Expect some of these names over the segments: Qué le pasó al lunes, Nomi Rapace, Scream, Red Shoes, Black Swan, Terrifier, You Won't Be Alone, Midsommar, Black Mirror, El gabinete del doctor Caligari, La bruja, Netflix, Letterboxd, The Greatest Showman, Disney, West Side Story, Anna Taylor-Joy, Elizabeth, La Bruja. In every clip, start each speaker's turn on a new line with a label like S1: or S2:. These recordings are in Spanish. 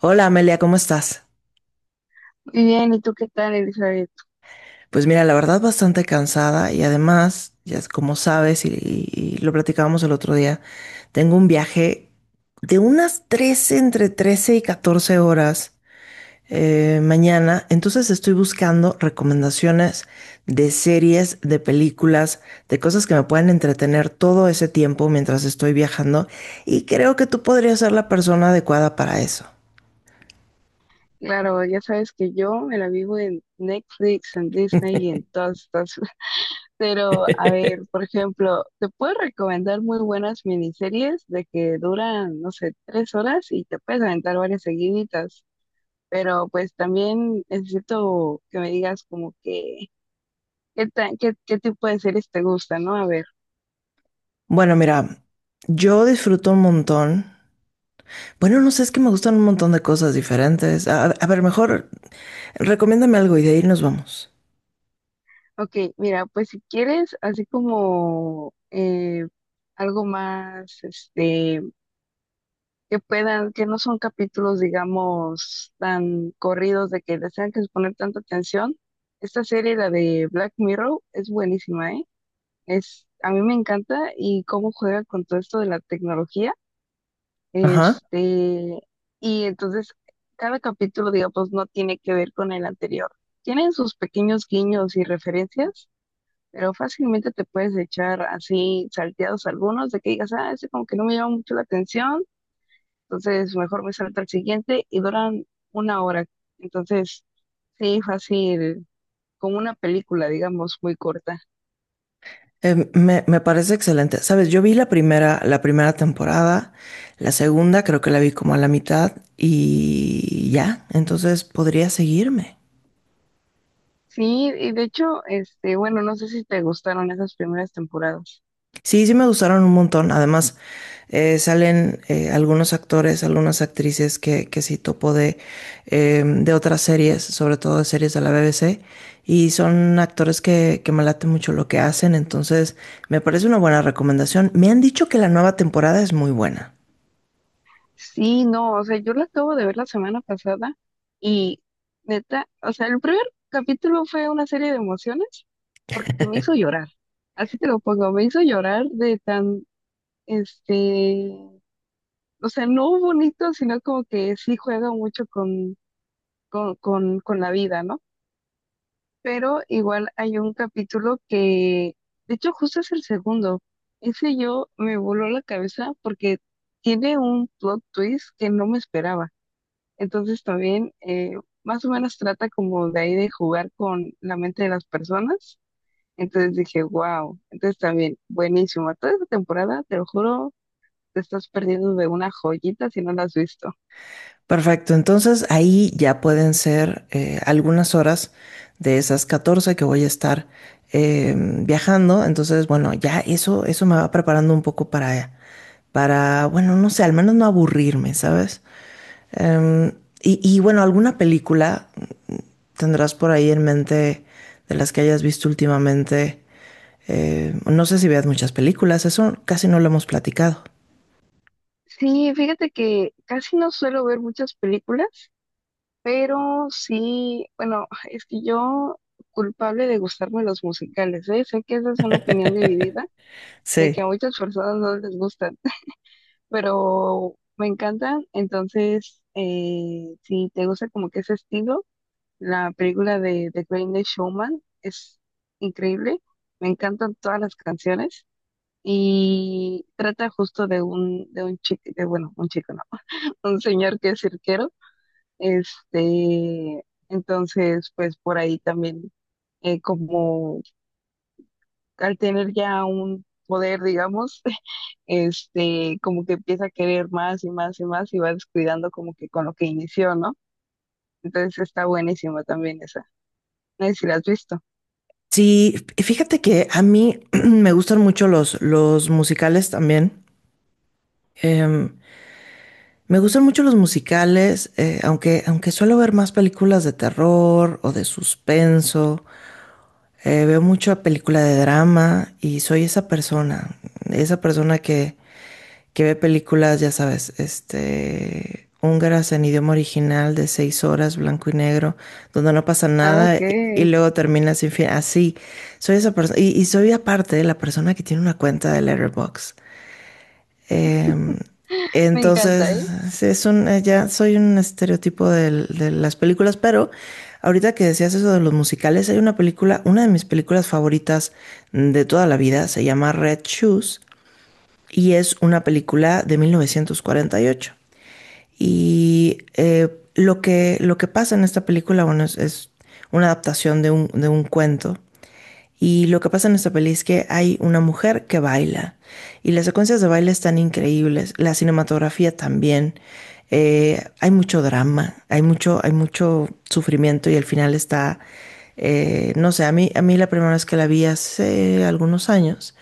S1: Hola Amelia, ¿cómo estás?
S2: Muy bien, ¿y tú qué tal, Elizabeth?
S1: Pues mira, la verdad bastante cansada y además, ya es como sabes y y lo platicábamos el otro día, tengo un viaje de unas 13 entre 13 y 14 horas mañana, entonces estoy buscando recomendaciones de series, de películas, de cosas que me puedan entretener todo ese tiempo mientras estoy viajando y creo que tú podrías ser la persona adecuada para eso.
S2: Claro, ya sabes que yo me la vivo en Netflix, en Disney y en todas estas. Pero, a ver, por ejemplo, te puedo recomendar muy buenas miniseries de que duran, no sé, tres horas y te puedes aventar varias seguiditas. Pero, pues también necesito que me digas como que, ¿qué tipo de series te gusta, ¿no? A ver,
S1: Bueno, mira, yo disfruto un montón. Bueno, no sé, es que me gustan un montón de cosas diferentes. A ver, mejor recomiéndame algo y de ahí nos vamos.
S2: ok, mira, pues si quieres, así como algo más, que puedan, que no son capítulos, digamos, tan corridos de que les tengan que poner tanta atención. Esta serie, la de Black Mirror, es buenísima, ¿eh? Es, a mí me encanta y cómo juega con todo esto de la tecnología.
S1: Ajá.
S2: Este, y entonces, cada capítulo, digamos, no tiene que ver con el anterior. Tienen sus pequeños guiños y referencias, pero fácilmente te puedes echar así salteados algunos de que digas, ah, ese como que no me llama mucho la atención, entonces, mejor me salto al siguiente y duran una hora. Entonces, sí, fácil, como una película, digamos, muy corta.
S1: Me parece excelente. Sabes, yo vi la primera temporada, la segunda creo que la vi como a la mitad y ya, entonces podría seguirme.
S2: Sí, y de hecho, bueno, no sé si te gustaron esas primeras temporadas.
S1: Sí, sí me gustaron un montón. Además, salen algunos actores, algunas actrices que sí topo de otras series, sobre todo de series de la BBC, y son actores que me late mucho lo que hacen, entonces me parece una buena recomendación. Me han dicho que la nueva temporada es muy buena.
S2: Sí, no, o sea, yo la acabo de ver la semana pasada y neta, o sea, el primer capítulo fue una serie de emociones porque me hizo llorar. Así te lo pongo, me hizo llorar de tan, este, o sea, no bonito, sino como que sí juega mucho con con la vida, ¿no? Pero igual hay un capítulo que, de hecho, justo es el segundo. Ese yo me voló la cabeza porque tiene un plot twist que no me esperaba. Entonces también más o menos trata como de ahí de jugar con la mente de las personas. Entonces dije, wow. Entonces también, buenísimo. Toda esta temporada, te lo juro, te estás perdiendo de una joyita si no la has visto.
S1: Perfecto, entonces ahí ya pueden ser algunas horas de esas 14 que voy a estar viajando, entonces bueno, ya eso me va preparando un poco bueno, no sé, al menos no aburrirme, ¿sabes? Em, y bueno, ¿alguna película tendrás por ahí en mente de las que hayas visto últimamente? No sé si veas muchas películas, eso casi no lo hemos platicado.
S2: Sí, fíjate que casi no suelo ver muchas películas, pero sí, bueno, es que yo culpable de gustarme los musicales, ¿eh? Sé que esa es una opinión dividida, de que a
S1: Sí.
S2: muchas personas no les gustan, pero me encantan. Entonces, si te gusta como que ese estilo, la película de The Greatest Showman es increíble. Me encantan todas las canciones y trata justo de un chico, de, bueno, un chico, no, un señor que es cirquero, este, entonces, pues por ahí también, como al tener ya un poder, digamos, como que empieza a querer más y más y más y va descuidando como que con lo que inició, ¿no? Entonces está buenísima también esa. No sé si la has visto.
S1: Sí, fíjate que a mí me gustan mucho los musicales también. Em, Me gustan mucho los musicales, aunque suelo ver más películas de terror o de suspenso. Veo mucha película de drama y soy esa persona que ve películas, ya sabes, este, húngaras en idioma original de 6 horas, blanco y negro, donde no pasa
S2: Ah,
S1: nada
S2: ok.
S1: y luego termina sin fin. Así, soy esa persona. Y soy aparte la persona que tiene una cuenta de Letterboxd. Em,
S2: Me
S1: entonces,
S2: encanta, ¿eh?
S1: sí, ya soy un estereotipo de las películas, pero ahorita que decías eso de los musicales, hay una película, una de mis películas favoritas de toda la vida, se llama Red Shoes y es una película de 1948. Y ocho. Y eh, lo que pasa en esta película, bueno, es una adaptación de un cuento y lo que pasa en esta peli es que hay una mujer que baila. Y las secuencias de baile están increíbles. La cinematografía también. Hay mucho drama, hay mucho sufrimiento y al final está, no sé, a mí la primera vez que la vi hace algunos años,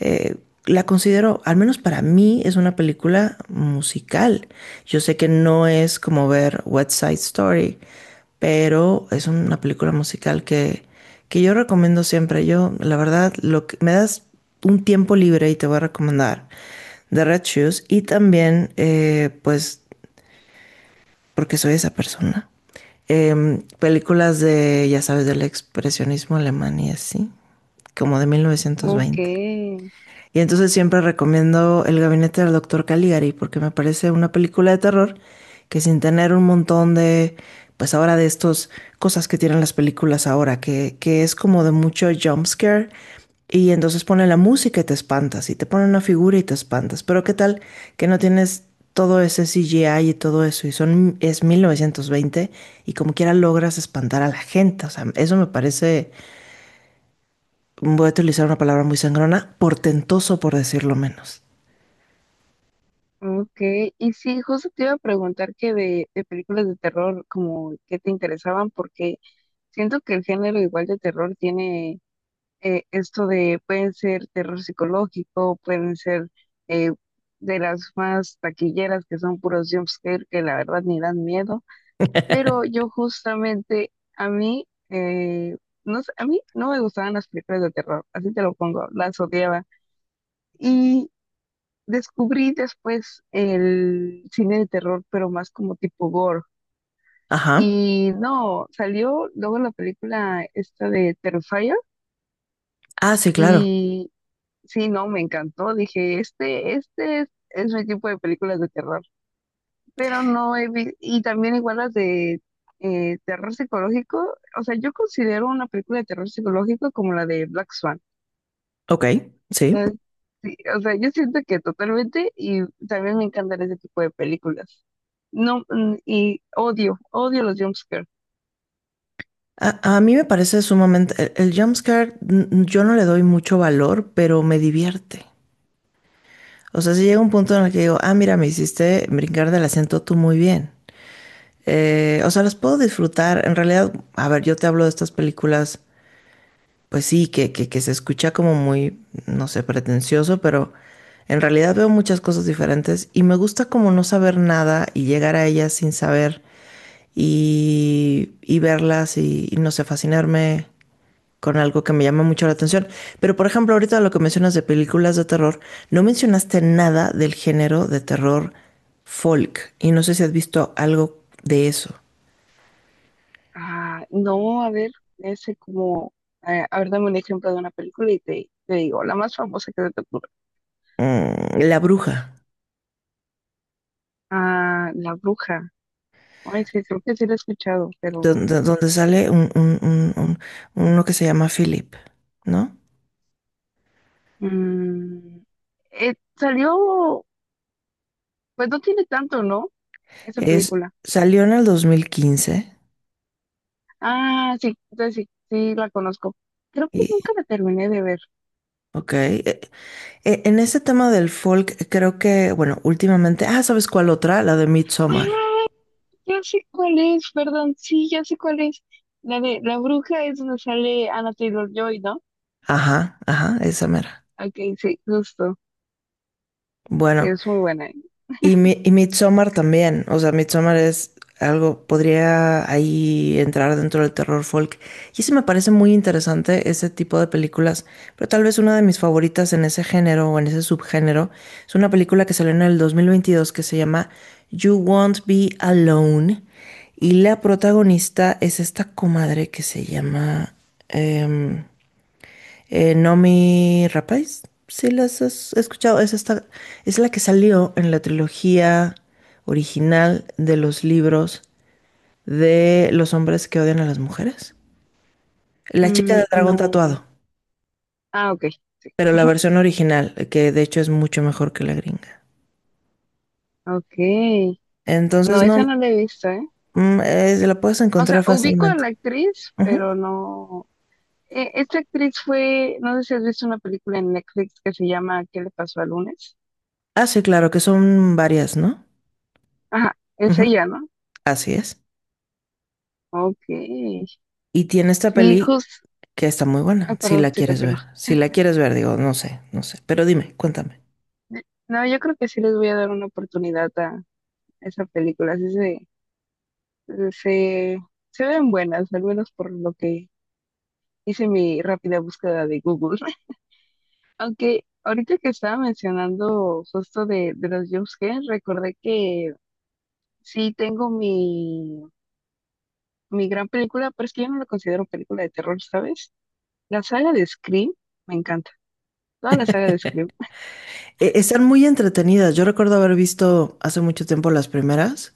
S1: eh, la considero, al menos para mí, es una película musical. Yo sé que no es como ver West Side Story, pero es una película musical que yo recomiendo siempre. Yo, la verdad, lo que, Me das un tiempo libre y te voy a recomendar The Red Shoes y también, pues, porque soy esa persona. Películas de, ya sabes, del expresionismo alemán y así, como de
S2: Ok,
S1: 1920. Y entonces siempre recomiendo El gabinete del doctor Caligari porque me parece una película de terror que sin tener un montón de, pues ahora de estas cosas que tienen las películas ahora, que es como de mucho jump scare y entonces pone la música y te espantas y te pone una figura y te espantas. Pero qué tal que no tienes todo ese CGI y todo eso y son es 1920 y como quiera logras espantar a la gente. O sea, eso me parece, voy a utilizar una palabra muy sangrona, portentoso por decirlo menos.
S2: ok. Y sí, justo te iba a preguntar que de películas de terror, como que te interesaban, porque siento que el género igual de terror tiene esto de pueden ser terror psicológico, pueden ser eh, de las más taquilleras que son puros jumpscare que la verdad ni dan miedo, pero yo justamente a mí, no sé, a mí no me gustaban las películas de terror, así te lo pongo, las odiaba y descubrí después el cine de terror, pero más como tipo gore.
S1: Ajá.
S2: Y no, salió luego la película esta de Terrifier
S1: Ah, sí, claro.
S2: y sí, no, me encantó. Dije, este es mi tipo de películas de terror. Pero no he vi- y también igual las de terror psicológico. O sea, yo considero una película de terror psicológico como la de Black Swan.
S1: Ok, sí.
S2: No es- sí, o sea, yo siento que totalmente y también me encantan ese tipo de películas. No, y odio los jumpscares.
S1: A a mí me parece sumamente... El jumpscare, mm, yo no le doy mucho valor, pero me divierte. O sea, si llega un punto en el que digo, ah, mira, me hiciste brincar del asiento tú muy bien. O sea, las puedo disfrutar. En realidad, a ver, yo te hablo de estas películas, pues sí, que se escucha como muy, no sé, pretencioso, pero en realidad veo muchas cosas diferentes y me gusta como no saber nada y llegar a ellas sin saber y verlas y no sé, fascinarme con algo que me llama mucho la atención. Pero por ejemplo, ahorita lo que mencionas de películas de terror, no mencionaste nada del género de terror folk y no sé si has visto algo de eso.
S2: Ah, no, a ver, ese como, a ver, dame un ejemplo de una película y te digo, la más famosa que se te ocurre.
S1: Mm, La bruja,
S2: Ah, La Bruja. Ay, sí, creo que sí lo he escuchado, pero
S1: donde, donde sale uno que se llama Philip, ¿no?
S2: mm, salió, pues no tiene tanto, ¿no? Esa
S1: Es,
S2: película.
S1: Salió en el 2015
S2: Ah, sí, entonces sí, sí la conozco. Creo que nunca
S1: y,
S2: la terminé de ver.
S1: ok, en ese tema del folk, creo que, bueno, últimamente, ah, ¿sabes cuál otra? La de Midsommar.
S2: Ah, ya sé cuál es, perdón, sí, ya sé cuál es. La de La Bruja es donde sale Anna Taylor-Joy, ¿no?
S1: Ajá, ajá, esa mera.
S2: Ok, sí, justo. Sí,
S1: Bueno,
S2: es muy buena.
S1: Y Midsommar también, o sea, Midsommar es algo, podría ahí entrar dentro del terror folk. Y eso me parece muy interesante, ese tipo de películas. Pero tal vez una de mis favoritas en ese género o en ese subgénero es una película que salió en el 2022 que se llama You Won't Be Alone. Y la protagonista es esta comadre que se llama... em, Nomi Rapace, si las has escuchado, es esta, es la que salió en la trilogía original de los libros de los hombres que odian a las mujeres. La chica
S2: Mm,
S1: del dragón
S2: no.
S1: tatuado,
S2: Ah, ok, sí.
S1: pero la versión original, que de hecho es mucho mejor que la gringa.
S2: Ok. No,
S1: Entonces
S2: esa
S1: no,
S2: no la he visto, ¿eh?
S1: se la puedes
S2: O sea,
S1: encontrar
S2: ubico a
S1: fácilmente.
S2: la actriz,
S1: Ujú.
S2: pero no. Esta actriz fue, no sé si has visto una película en Netflix que se llama ¿Qué le pasó al lunes?
S1: Ah, sí, claro, que son varias, ¿no?
S2: Ajá, es
S1: Ujú,
S2: ella, ¿no?
S1: así es.
S2: Ok.
S1: Y tiene esta
S2: Sí,
S1: peli
S2: justo.
S1: que está muy
S2: Ah,
S1: buena, si
S2: perdón,
S1: la
S2: se
S1: quieres
S2: continúa.
S1: ver. Si la quieres ver, digo, no sé, no sé. Pero dime, cuéntame.
S2: No, yo creo que sí les voy a dar una oportunidad a esa película. Se, se ven buenas, al menos por lo que hice mi rápida búsqueda de Google. Aunque ahorita que estaba mencionando justo de los jumpscares, recordé que sí tengo mi gran película, pero es que yo no la considero película de terror, ¿sabes? La saga de Scream me encanta, toda la saga de Scream,
S1: Están muy entretenidas. Yo recuerdo haber visto hace mucho tiempo las primeras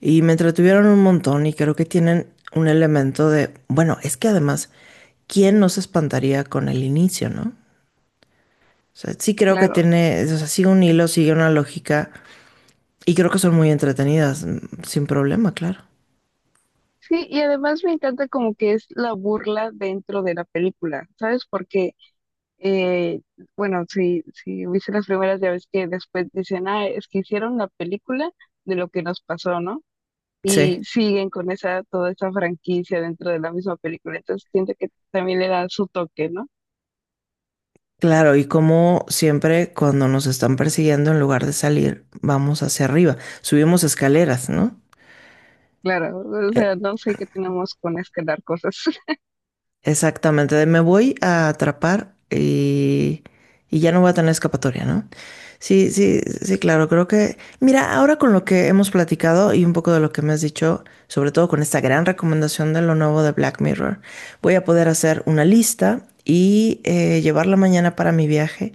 S1: y me entretuvieron un montón y creo que tienen un elemento de, bueno, es que además, ¿quién no se espantaría con el inicio, no? O sea, sí creo que
S2: claro.
S1: tiene, o sea, sigue un hilo, sigue una lógica y creo que son muy entretenidas, mm, sin problema, claro.
S2: Sí, y además me encanta como que es la burla dentro de la película, ¿sabes? Porque, eh, bueno, si viste las primeras, ya ves que después dicen, ah, es que hicieron la película de lo que nos pasó, ¿no?
S1: Sí.
S2: Y siguen con esa, toda esa franquicia dentro de la misma película, entonces siento que también le da su toque, ¿no?
S1: Claro, y como siempre cuando nos están persiguiendo, en lugar de salir, vamos hacia arriba, subimos escaleras, ¿no?
S2: Claro, o sea, no sé qué tenemos con escalar cosas.
S1: Exactamente, de me voy a atrapar y ya no voy a tener escapatoria, ¿no? Sí, sí, sí, claro, creo que, mira, ahora con lo que hemos platicado y un poco de lo que me has dicho, sobre todo con esta gran recomendación de lo nuevo de Black Mirror, voy a poder hacer una lista y llevarla mañana para mi viaje.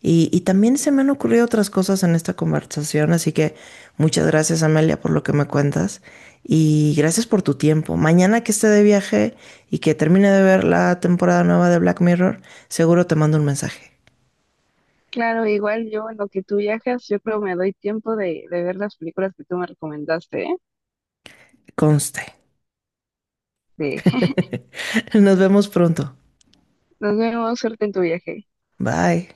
S1: Y también se me han ocurrido otras cosas en esta conversación, así que muchas gracias, Amelia, por lo que me cuentas y gracias por tu tiempo. Mañana que esté de viaje y que termine de ver la temporada nueva de Black Mirror, seguro te mando un mensaje.
S2: Claro, igual yo en lo que tú viajas, yo creo me doy tiempo de ver las películas que tú me recomendaste, ¿eh?
S1: Conste.
S2: Sí.
S1: Nos vemos pronto.
S2: Nos vemos, suerte en tu viaje.
S1: Bye.